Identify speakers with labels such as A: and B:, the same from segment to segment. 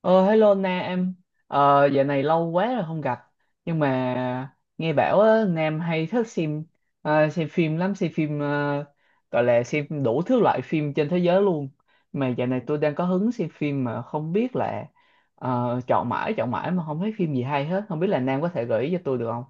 A: Ờ, hello Na em, dạo này lâu quá rồi không gặp. Nhưng mà nghe bảo á, Nam hay thích xem phim lắm, gọi là xem đủ thứ loại phim trên thế giới luôn. Mà dạo này tôi đang có hứng xem phim mà không biết là, chọn mãi mà không thấy phim gì hay hết. Không biết là Nam có thể gợi ý cho tôi được không?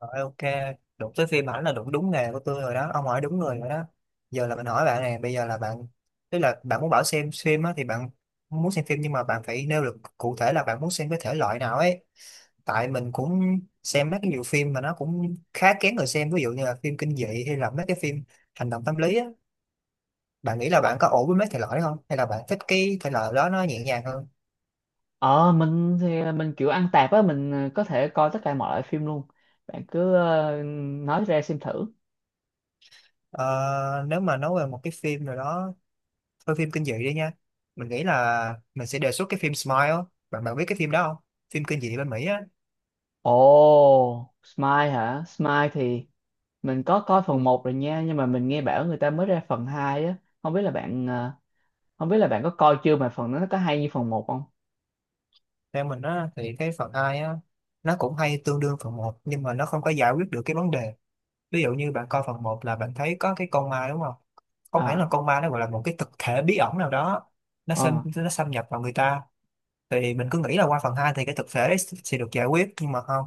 B: Rồi, ok, đụng tới phim ảnh là đụng đúng nghề của tôi rồi đó, ông hỏi đúng người rồi đó. Giờ là mình hỏi bạn này, bây giờ là bạn, tức là bạn muốn bảo xem phim á, thì bạn muốn xem phim nhưng mà bạn phải nêu được cụ thể là bạn muốn xem cái thể loại nào ấy. Tại mình cũng xem mấy cái nhiều phim mà nó cũng khá kén người xem, ví dụ như là phim kinh dị hay là mấy cái phim hành động tâm lý á. Bạn nghĩ là
A: Ờ,
B: bạn có ổn với mấy thể loại đó không? Hay là bạn thích cái thể loại đó nó nhẹ nhàng hơn?
A: ờ, mình thì mình kiểu ăn tạp á, mình có thể coi tất cả mọi loại phim luôn. Bạn cứ nói ra xem thử.
B: Ờ, Nếu mà nói về một cái phim nào đó thôi, phim kinh dị đi nha, mình nghĩ là mình sẽ đề xuất cái phim Smile á. Bạn bạn biết cái phim đó không? Phim kinh dị bên Mỹ á.
A: Ồ, Smile hả? Smile thì mình có coi phần một rồi nha, nhưng mà mình nghe bảo người ta mới ra phần 2 á. Không biết là bạn ờ, không biết là bạn có coi chưa mà phần đó nó có hay như phần một không
B: Theo mình á thì cái phần 2 á nó cũng hay tương đương phần một nhưng mà nó không có giải quyết được cái vấn đề. Ví dụ như bạn coi phần một là bạn thấy có cái con ma đúng không? Không hẳn là
A: à
B: con ma, nó gọi là một cái thực thể bí ẩn nào đó.
A: ờ
B: Nó xâm nhập vào người ta. Thì mình cứ nghĩ là qua phần 2 thì cái thực thể đấy sẽ được giải quyết nhưng mà không.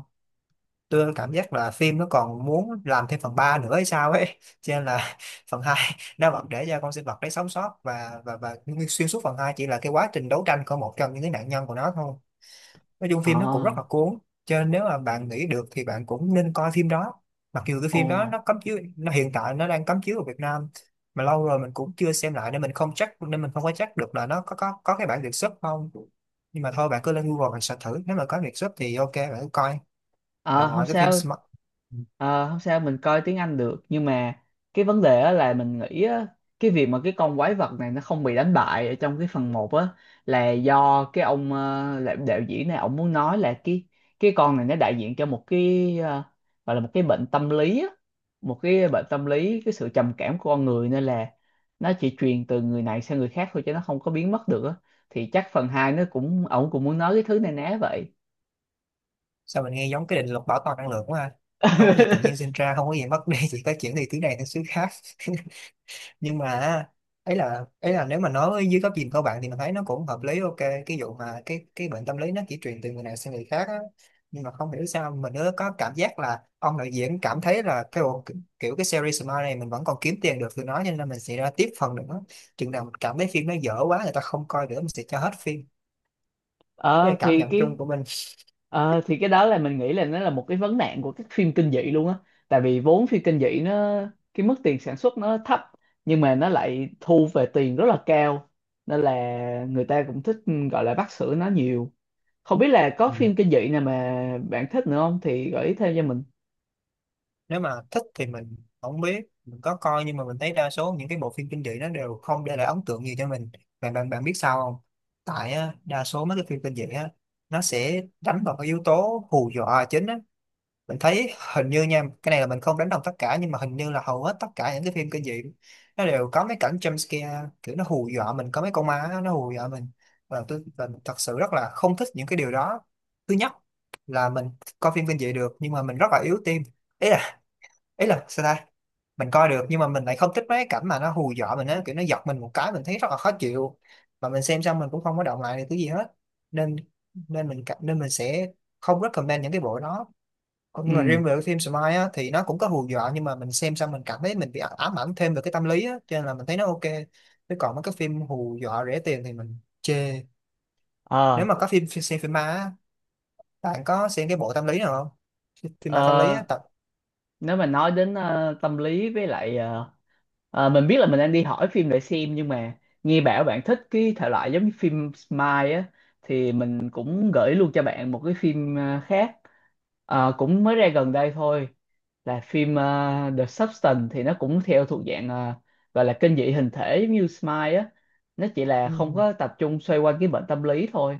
B: Tôi cảm giác là phim nó còn muốn làm thêm phần 3 nữa hay sao ấy cho nên là phần 2 nó vẫn để cho con sinh vật đấy sống sót và xuyên suốt phần 2 chỉ là cái quá trình đấu tranh của một trong những cái nạn nhân của nó thôi. Nói chung
A: ờ
B: phim nó cũng rất là cuốn, cho nên nếu mà bạn nghĩ được thì bạn cũng nên coi phim đó. Mặc dù cái
A: ồ
B: phim đó nó cấm chiếu nó hiện tại nó đang cấm chiếu ở Việt Nam. Mà lâu rồi mình cũng chưa xem lại nên mình không có chắc được là nó có cái bản Việt xuất không. Nhưng mà thôi bạn cứ lên Google bạn search thử, nếu mà có Việt xuất thì ok bạn cứ coi. Mà
A: Ờ không
B: ngoài cái phim
A: sao
B: Smart...
A: ờ, không sao, mình coi tiếng Anh được, nhưng mà cái vấn đề á là mình nghĩ á, cái việc mà cái con quái vật này nó không bị đánh bại ở trong cái phần một á là do cái ông, đạo diễn này ông muốn nói là cái, con này nó đại diện cho một cái, gọi là một cái bệnh tâm lý á, một cái bệnh tâm lý, cái sự trầm cảm của con người, nên là nó chỉ truyền từ người này sang người khác thôi chứ nó không có biến mất được á. Thì chắc phần 2 nó cũng, ổng cũng muốn nói cái thứ này ná vậy.
B: Sao mình nghe giống cái định luật bảo toàn năng lượng quá ha. Không có gì tự nhiên sinh ra, không có gì mất đi, chỉ có chuyển từ thứ này sang thứ khác. Nhưng mà ấy là nếu mà nói với dưới góc nhìn của bạn thì mình thấy nó cũng hợp lý, ok cái vụ mà cái bệnh tâm lý nó chỉ truyền từ người này sang người khác á. Nhưng mà không hiểu sao mình nữa có cảm giác là ông đạo diễn cảm thấy là kiểu cái series Smile này mình vẫn còn kiếm tiền được từ nó, cho nên mình sẽ ra tiếp phần nữa. Chừng nào mình cảm thấy phim nó dở quá, người ta không coi nữa, mình sẽ cho hết phim. Đây
A: ờ
B: là cảm
A: thì
B: nhận
A: cái
B: chung của mình.
A: thì cái đó là mình nghĩ là nó là một cái vấn nạn của các phim kinh dị luôn á. Tại vì vốn phim kinh dị nó, cái mức tiền sản xuất nó thấp nhưng mà nó lại thu về tiền rất là cao, nên là người ta cũng thích, gọi là bắt sữa nó nhiều. Không biết là có phim kinh dị nào mà bạn thích nữa không thì gợi ý thêm cho mình.
B: Nếu mà thích thì mình không biết mình có coi, nhưng mà mình thấy đa số những cái bộ phim kinh dị nó đều không để lại ấn tượng gì cho mình. Bạn bạn bạn biết sao không? Tại á, đa số mấy cái phim kinh dị á nó sẽ đánh vào cái yếu tố hù dọa là chính á. Mình thấy hình như nha, cái này là mình không đánh đồng tất cả nhưng mà hình như là hầu hết tất cả những cái phim kinh dị nó đều có mấy cảnh jump scare, kiểu nó hù dọa mình, có mấy con ma á, nó hù dọa mình. Và mình thật sự rất là không thích những cái điều đó. Thứ nhất là mình coi phim kinh dị được nhưng mà mình rất là yếu tim. Ý là ý là sao ta? Mình coi được nhưng mà mình lại không thích mấy cái cảnh mà nó hù dọa mình á, kiểu nó giật mình một cái mình thấy rất là khó chịu. Mà mình xem xong mình cũng không có động lại được cái gì hết. Nên nên mình cảm- Nên mình sẽ không recommend những cái bộ đó. Còn
A: Ừ.
B: nhưng mà riêng về cái phim Smile á thì nó cũng có hù dọa nhưng mà mình xem xong mình cảm thấy mình bị ám ảnh thêm về cái tâm lý á, cho nên là mình thấy nó ok. Chứ còn mấy cái phim hù dọa rẻ tiền thì mình chê.
A: Ờ.
B: Nếu mà có phim xem phim ma á, bạn có xem cái bộ tâm lý nào không? Phim ma tâm lý
A: ờ,
B: á.
A: Nếu mà nói đến, tâm lý với lại, mình biết là mình đang đi hỏi phim để xem, nhưng mà nghe bảo bạn thích cái thể loại giống như phim Smile á, thì mình cũng gửi luôn cho bạn một cái phim khác. Ờ, cũng mới ra gần đây thôi, là phim The Substance, thì nó cũng theo thuộc dạng, gọi là kinh dị hình thể giống như Smile á, nó chỉ là
B: tập
A: không có tập trung xoay quanh cái bệnh tâm lý thôi.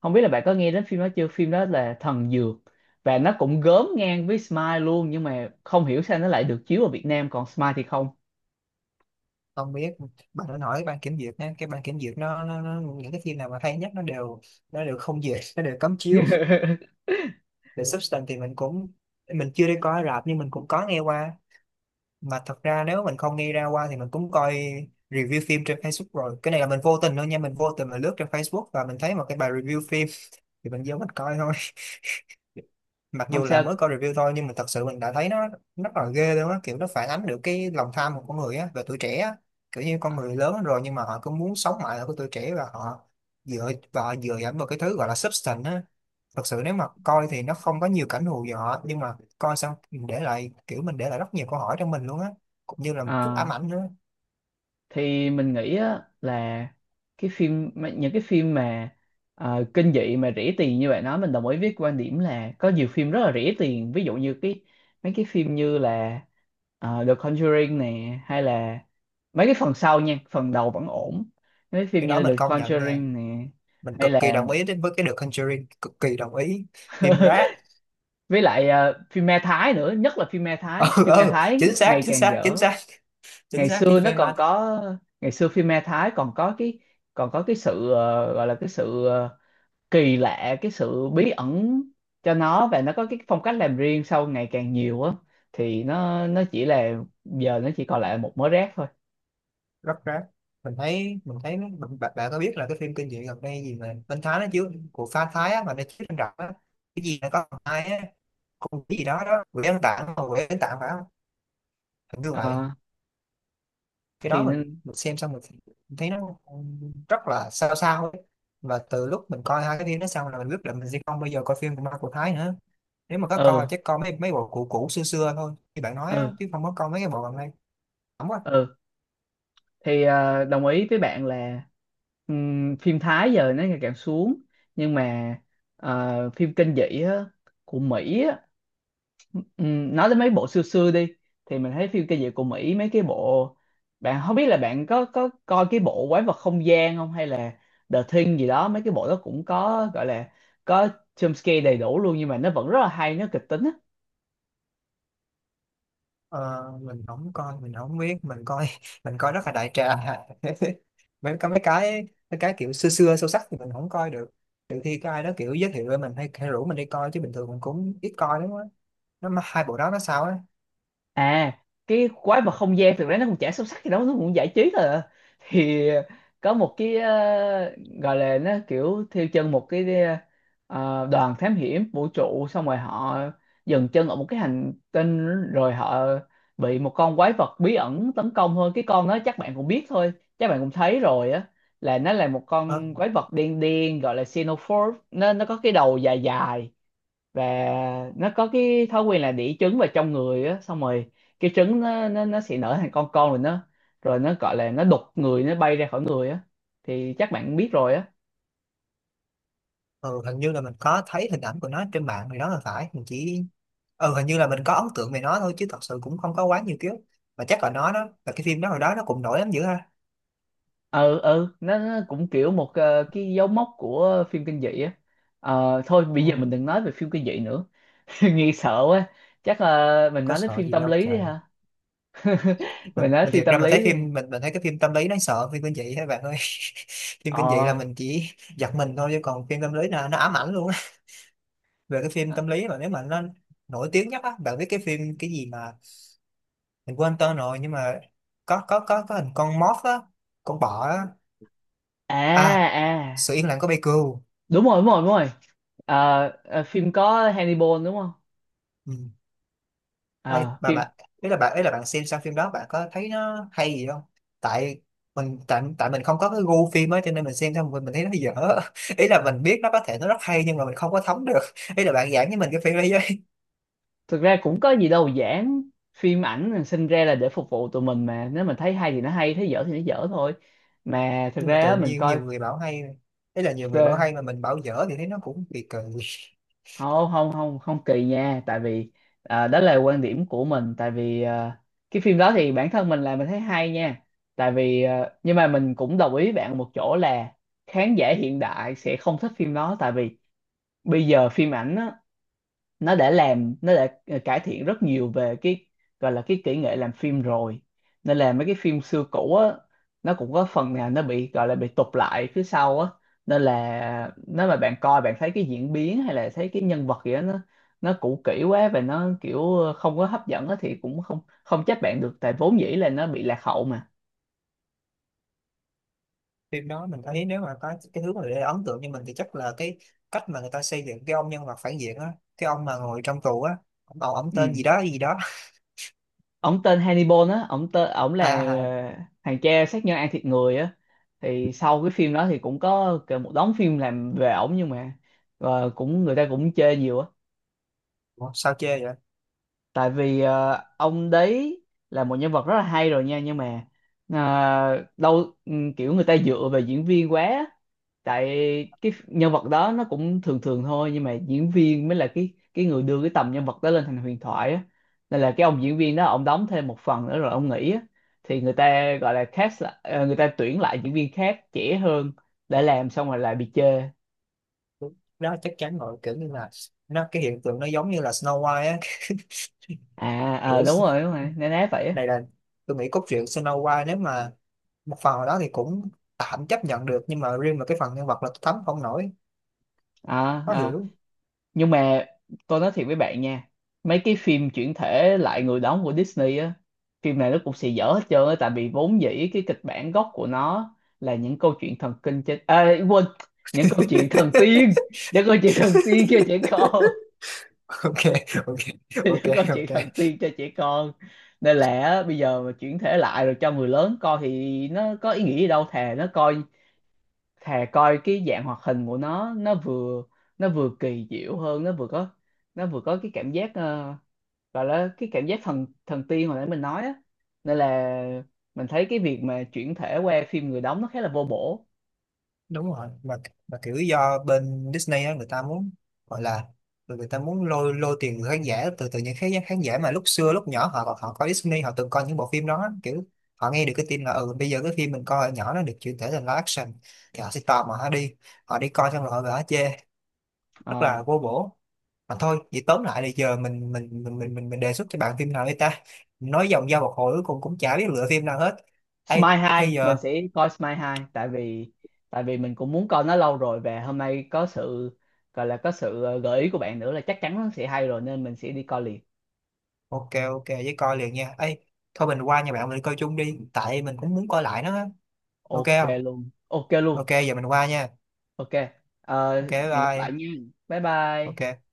A: Không biết là bạn có nghe đến phim đó chưa, phim đó là Thần Dược, và nó cũng gớm ngang với Smile luôn, nhưng mà không hiểu sao nó lại được chiếu ở Việt Nam còn Smile thì không.
B: Không biết, bà nên hỏi ban kiểm duyệt nha, cái ban kiểm duyệt nó những cái phim nào mà hay nhất nó đều không duyệt, nó đều cấm chiếu. The Substance thì mình chưa đi coi rạp nhưng mình cũng có nghe qua. Mà thật ra nếu mình không nghe ra qua thì mình cũng coi review phim trên Facebook rồi. Cái này là mình vô tình thôi nha, mình vô tình mà lướt trên Facebook và mình thấy một cái bài review phim, thì mình vô mình coi thôi. Mặc
A: Không
B: dù là
A: sao.
B: mới coi review thôi nhưng mà thật sự mình đã thấy nó rất là ghê luôn á, kiểu nó phản ánh được cái lòng tham của con người á và tuổi trẻ á. Kiểu như con người lớn rồi nhưng mà họ cứ muốn sống mãi ở cái tuổi trẻ, và họ dựa dẫm vào cái thứ gọi là substance á. Thật sự nếu mà coi thì nó không có nhiều cảnh hù dọa, nhưng mà coi xong mình để lại rất nhiều câu hỏi trong mình luôn á, cũng như là một chút ám
A: À,
B: ảnh nữa.
A: thì mình nghĩ á, là những cái phim mà kinh dị mà rỉ tiền như bạn nói, mình đồng ý với quan điểm là có nhiều phim rất là rỉ tiền. Ví dụ như cái, mấy cái phim như là The Conjuring nè, hay là mấy cái phần sau nha, phần đầu vẫn ổn. Mấy phim
B: Cái đó
A: như The
B: mình công nhận nha,
A: Conjuring nè,
B: mình
A: hay
B: cực kỳ
A: là
B: đồng ý, đến với cái The Conjuring cực kỳ đồng ý. Phim rác.
A: với lại phim ma Thái nữa. Nhất là phim ma
B: Ừ,
A: Thái, phim ma
B: ừ,
A: Thái
B: chính xác,
A: ngày
B: chính
A: càng
B: xác, chính
A: dở.
B: xác, chính
A: ngày
B: xác, cái
A: xưa nó
B: phim
A: còn
B: ma.
A: có Ngày xưa phim ma Thái còn có cái sự, gọi là cái sự, kỳ lạ, cái sự bí ẩn cho nó, và nó có cái phong cách làm riêng. Sau ngày càng nhiều á thì nó chỉ là, giờ nó chỉ còn lại một mớ rác thôi.
B: Rất rác. Mình thấy nó- mình, bạn, Bạn có biết là cái phim kinh dị gần đây gì mà bên Thái nó chiếu của pha Thái á, mà nó chiếu trên rạp á? Cái gì nó có thằng hai á, con cái gì đó đó quỷ ăn tạng, mà quỷ ăn tạng phải không? Hình như vậy.
A: Ờ,
B: Cái
A: thì
B: đó mình mình xem xong thấy nó rất là sao sao ấy. Mà từ lúc mình coi hai cái phim đó xong là mình biết là mình sẽ không bao giờ coi phim của ma của Thái nữa. Nếu mà có coi
A: ừ,
B: chắc coi mấy mấy bộ cũ cũ xưa xưa thôi như bạn nói á,
A: ừ,
B: chứ không có coi mấy cái bộ gần đây. Không có.
A: ừ, thì đồng ý với bạn là, phim Thái giờ nó ngày càng xuống, nhưng mà phim kinh dị á, của Mỹ. Ừ, nói đến mấy bộ xưa xưa đi, thì mình thấy phim kinh dị của Mỹ mấy cái bộ, bạn không biết là bạn có coi cái bộ Quái vật không gian không, hay là The Thing gì đó. Mấy cái bộ đó cũng có, gọi là có jump scare đầy đủ luôn, nhưng mà nó vẫn rất là hay, nó kịch tính á.
B: Ờ, mình không coi mình không biết mình coi mình coi rất là đại trà. Mấy cái kiểu xưa xưa sâu sắc thì mình không coi được, trừ khi có ai đó kiểu giới thiệu với mình, hay rủ mình đi coi, chứ bình thường mình cũng ít coi lắm á. Nó mà hai bộ đó nó sao á?
A: À, cái Quái vật không gian thực ra nó cũng chả sâu sắc gì đâu, nó cũng giải trí thôi à. Thì có một cái, gọi là nó kiểu theo chân một cái, đoàn thám hiểm vũ trụ, xong rồi họ dừng chân ở một cái hành tinh, rồi họ bị một con quái vật bí ẩn tấn công thôi. Cái con đó chắc bạn cũng biết thôi, chắc bạn cũng thấy rồi á, là nó là một
B: ờ,
A: con quái vật đen đen, gọi là Xenomorph. Nó có cái đầu dài dài, và nó có cái thói quen là đĩ trứng vào trong người á, xong rồi cái trứng nó sẽ nở thành con, rồi nó gọi là nó đục người, nó bay ra khỏi người á, thì chắc bạn biết rồi á.
B: ừ, hình như là mình có thấy hình ảnh của nó trên mạng thì đó là phải mình chỉ... Ừ, hình như là mình có ấn tượng về nó thôi chứ thật sự cũng không có quá nhiều ký ức. Mà chắc là nó, đó là cái phim đó hồi đó nó cũng nổi lắm dữ ha.
A: Ừ, ừ, nó cũng kiểu một, cái dấu mốc của phim kinh dị á. Ờ, thôi bây
B: Ừ,
A: giờ mình đừng nói về phim kinh dị nữa. Nghe sợ quá. Chắc là mình
B: có
A: nói đến
B: sợ
A: phim
B: gì
A: tâm
B: đâu
A: lý đi
B: trời.
A: ha. Mình
B: mình
A: nói
B: mình
A: phim
B: thiệt ra
A: tâm
B: mình thấy
A: lý đi.
B: phim mình mình thấy cái phim tâm lý đáng sợ, phim kinh dị các bạn ơi phim
A: Ờ.
B: kinh dị là mình chỉ giật mình thôi chứ còn phim tâm lý là nó ám ảnh luôn á. Về cái phim tâm lý mà nếu mà nó nổi tiếng nhất á, bạn biết cái phim cái gì mà mình quên tên rồi nhưng mà có hình con moth á, con bọ á,
A: À.
B: à,
A: À.
B: sự yên lặng của Baker.
A: Đúng rồi, đúng rồi, đúng rồi. Ờ, phim có Hannibal đúng không?
B: Ê,
A: Ờ,
B: mà
A: phim
B: bạn, ý là bạn xem xong phim đó bạn có thấy nó hay gì không? tại tại mình không có cái gu phim ấy cho nên mình xem xong mình thấy nó dở. Ý là mình biết nó có thể nó rất hay nhưng mà mình không có thấm được. Ý là bạn giảng với mình cái phim đấy với.
A: thực ra cũng có gì đâu giảng, phim ảnh là sinh ra là để phục vụ tụi mình mà, nếu mình thấy hay thì nó hay, thấy dở thì nó dở thôi. Mà thực
B: Nhưng mà
A: ra
B: tự
A: á, mình
B: nhiên
A: coi,
B: nhiều người bảo hay, ý là nhiều
A: ờ,
B: người bảo hay mà mình bảo dở thì thấy nó cũng kỳ kỳ.
A: không, không, không, không kỳ nha. Tại vì đó là quan điểm của mình. Tại vì cái phim đó thì bản thân mình là mình thấy hay nha. Tại vì nhưng mà mình cũng đồng ý với bạn một chỗ là khán giả hiện đại sẽ không thích phim đó. Tại vì bây giờ phim ảnh á, nó đã cải thiện rất nhiều về cái gọi là cái kỹ nghệ làm phim rồi. Nên là mấy cái phim xưa cũ á, nó cũng có phần nào nó bị gọi là bị tụt lại phía sau á. Nên là nếu mà bạn coi bạn thấy cái diễn biến hay là thấy cái nhân vật gì đó nó cũ kỹ quá và nó kiểu không có hấp dẫn á, thì cũng không không trách bạn được, tại vốn dĩ là nó bị lạc hậu mà.
B: Phim đó mình thấy nếu mà có cái thứ mà để ấn tượng như mình thì chắc là cái cách mà người ta xây dựng cái ông nhân vật phản diện á, cái ông mà ngồi trong tù á, ông tên gì
A: Ừ,
B: đó gì đó.
A: ông tên Hannibal á, ông tên ông là
B: À à, à.
A: thằng cha sát nhân ăn thịt người á. Thì sau cái phim đó thì cũng có kể một đống phim làm về ổng, nhưng mà cũng, người ta cũng chê nhiều á.
B: Ủa, sao chê vậy?
A: Tại vì ông đấy là một nhân vật rất là hay rồi nha, nhưng mà đâu, kiểu người ta dựa về diễn viên quá á. Tại cái nhân vật đó nó cũng thường thường thôi, nhưng mà diễn viên mới là cái người đưa cái tầm nhân vật đó lên thành huyền thoại á. Nên là cái ông diễn viên đó, ông đóng thêm một phần nữa rồi ông nghỉ á. Thì người ta gọi là cast lại, người ta tuyển lại diễn viên khác trẻ hơn để làm, xong rồi lại bị chê.
B: Đúng. Đó chắc chắn rồi, kiểu như là cái hiện tượng nó giống như là Snow White á.
A: À,
B: kiểu
A: đúng
B: s-
A: rồi, đúng rồi, nên nói vậy á.
B: Này là tôi nghĩ cốt truyện Snow White nếu mà một phần nào đó thì cũng tạm chấp nhận được nhưng mà riêng mà cái phần nhân vật là tôi thấm không nổi.
A: À.
B: Khó
A: Ờ.
B: hiểu.
A: Nhưng mà tôi nói thiệt với bạn nha, mấy cái phim chuyển thể lại người đóng của Disney á, phim này nó cũng xì dở hết trơn á. Tại vì vốn dĩ cái kịch bản gốc của nó là những câu chuyện thần kinh trên, à, quên, những câu chuyện thần tiên, những câu chuyện thần tiên cho trẻ con.
B: Ok, ok, ok,
A: Những câu chuyện
B: ok,
A: thần tiên cho trẻ con. Nên là á, bây giờ mà chuyển thể lại rồi cho người lớn coi thì nó có ý nghĩa gì đâu. Thà nó coi, thà coi cái dạng hoạt hình của nó vừa, nó vừa kỳ diệu hơn, nó vừa có, nó vừa có cái cảm giác, gọi là cái cảm giác thần thần tiên hồi nãy mình nói á. Nên là mình thấy cái việc mà chuyển thể qua phim người đóng nó khá là vô bổ.
B: đúng rồi. Mà kiểu do bên Disney á người ta muốn, gọi là, người người ta muốn lôi lôi tiền từ khán giả từ từ những khán khán giả mà lúc xưa lúc nhỏ họ họ coi Disney, họ từng coi những bộ phim đó, kiểu họ nghe được cái tin là ừ bây giờ cái phim mình coi hồi nhỏ nó được chuyển thể thành live action, thì họ sẽ tò mò, họ đi coi xong rồi họ về họ chê. Rất
A: Ờ.
B: là vô bổ. Mà thôi vậy tóm lại là giờ mình đề xuất cho bạn phim nào đi ta, nói vòng ra một hồi cuối cùng cũng chả biết lựa phim nào hết. Ê,
A: Smile 2
B: hay giờ...
A: mình sẽ coi Smile 2, tại vì mình cũng muốn coi nó lâu rồi, và hôm nay có sự, gọi là có sự, gợi ý của bạn nữa, là chắc chắn nó sẽ hay rồi, nên mình sẽ đi coi liền.
B: Ok, ok với coi liền nha ấy, thôi mình qua nhà bạn mình coi chung đi tại mình cũng muốn coi lại nó á. Ok
A: Ok
B: không?
A: luôn, ok luôn,
B: Ok, giờ mình qua nha.
A: ok. Ờ,
B: Ok, bye
A: hẹn gặp lại
B: bye.
A: nha, bye bye.
B: Ok.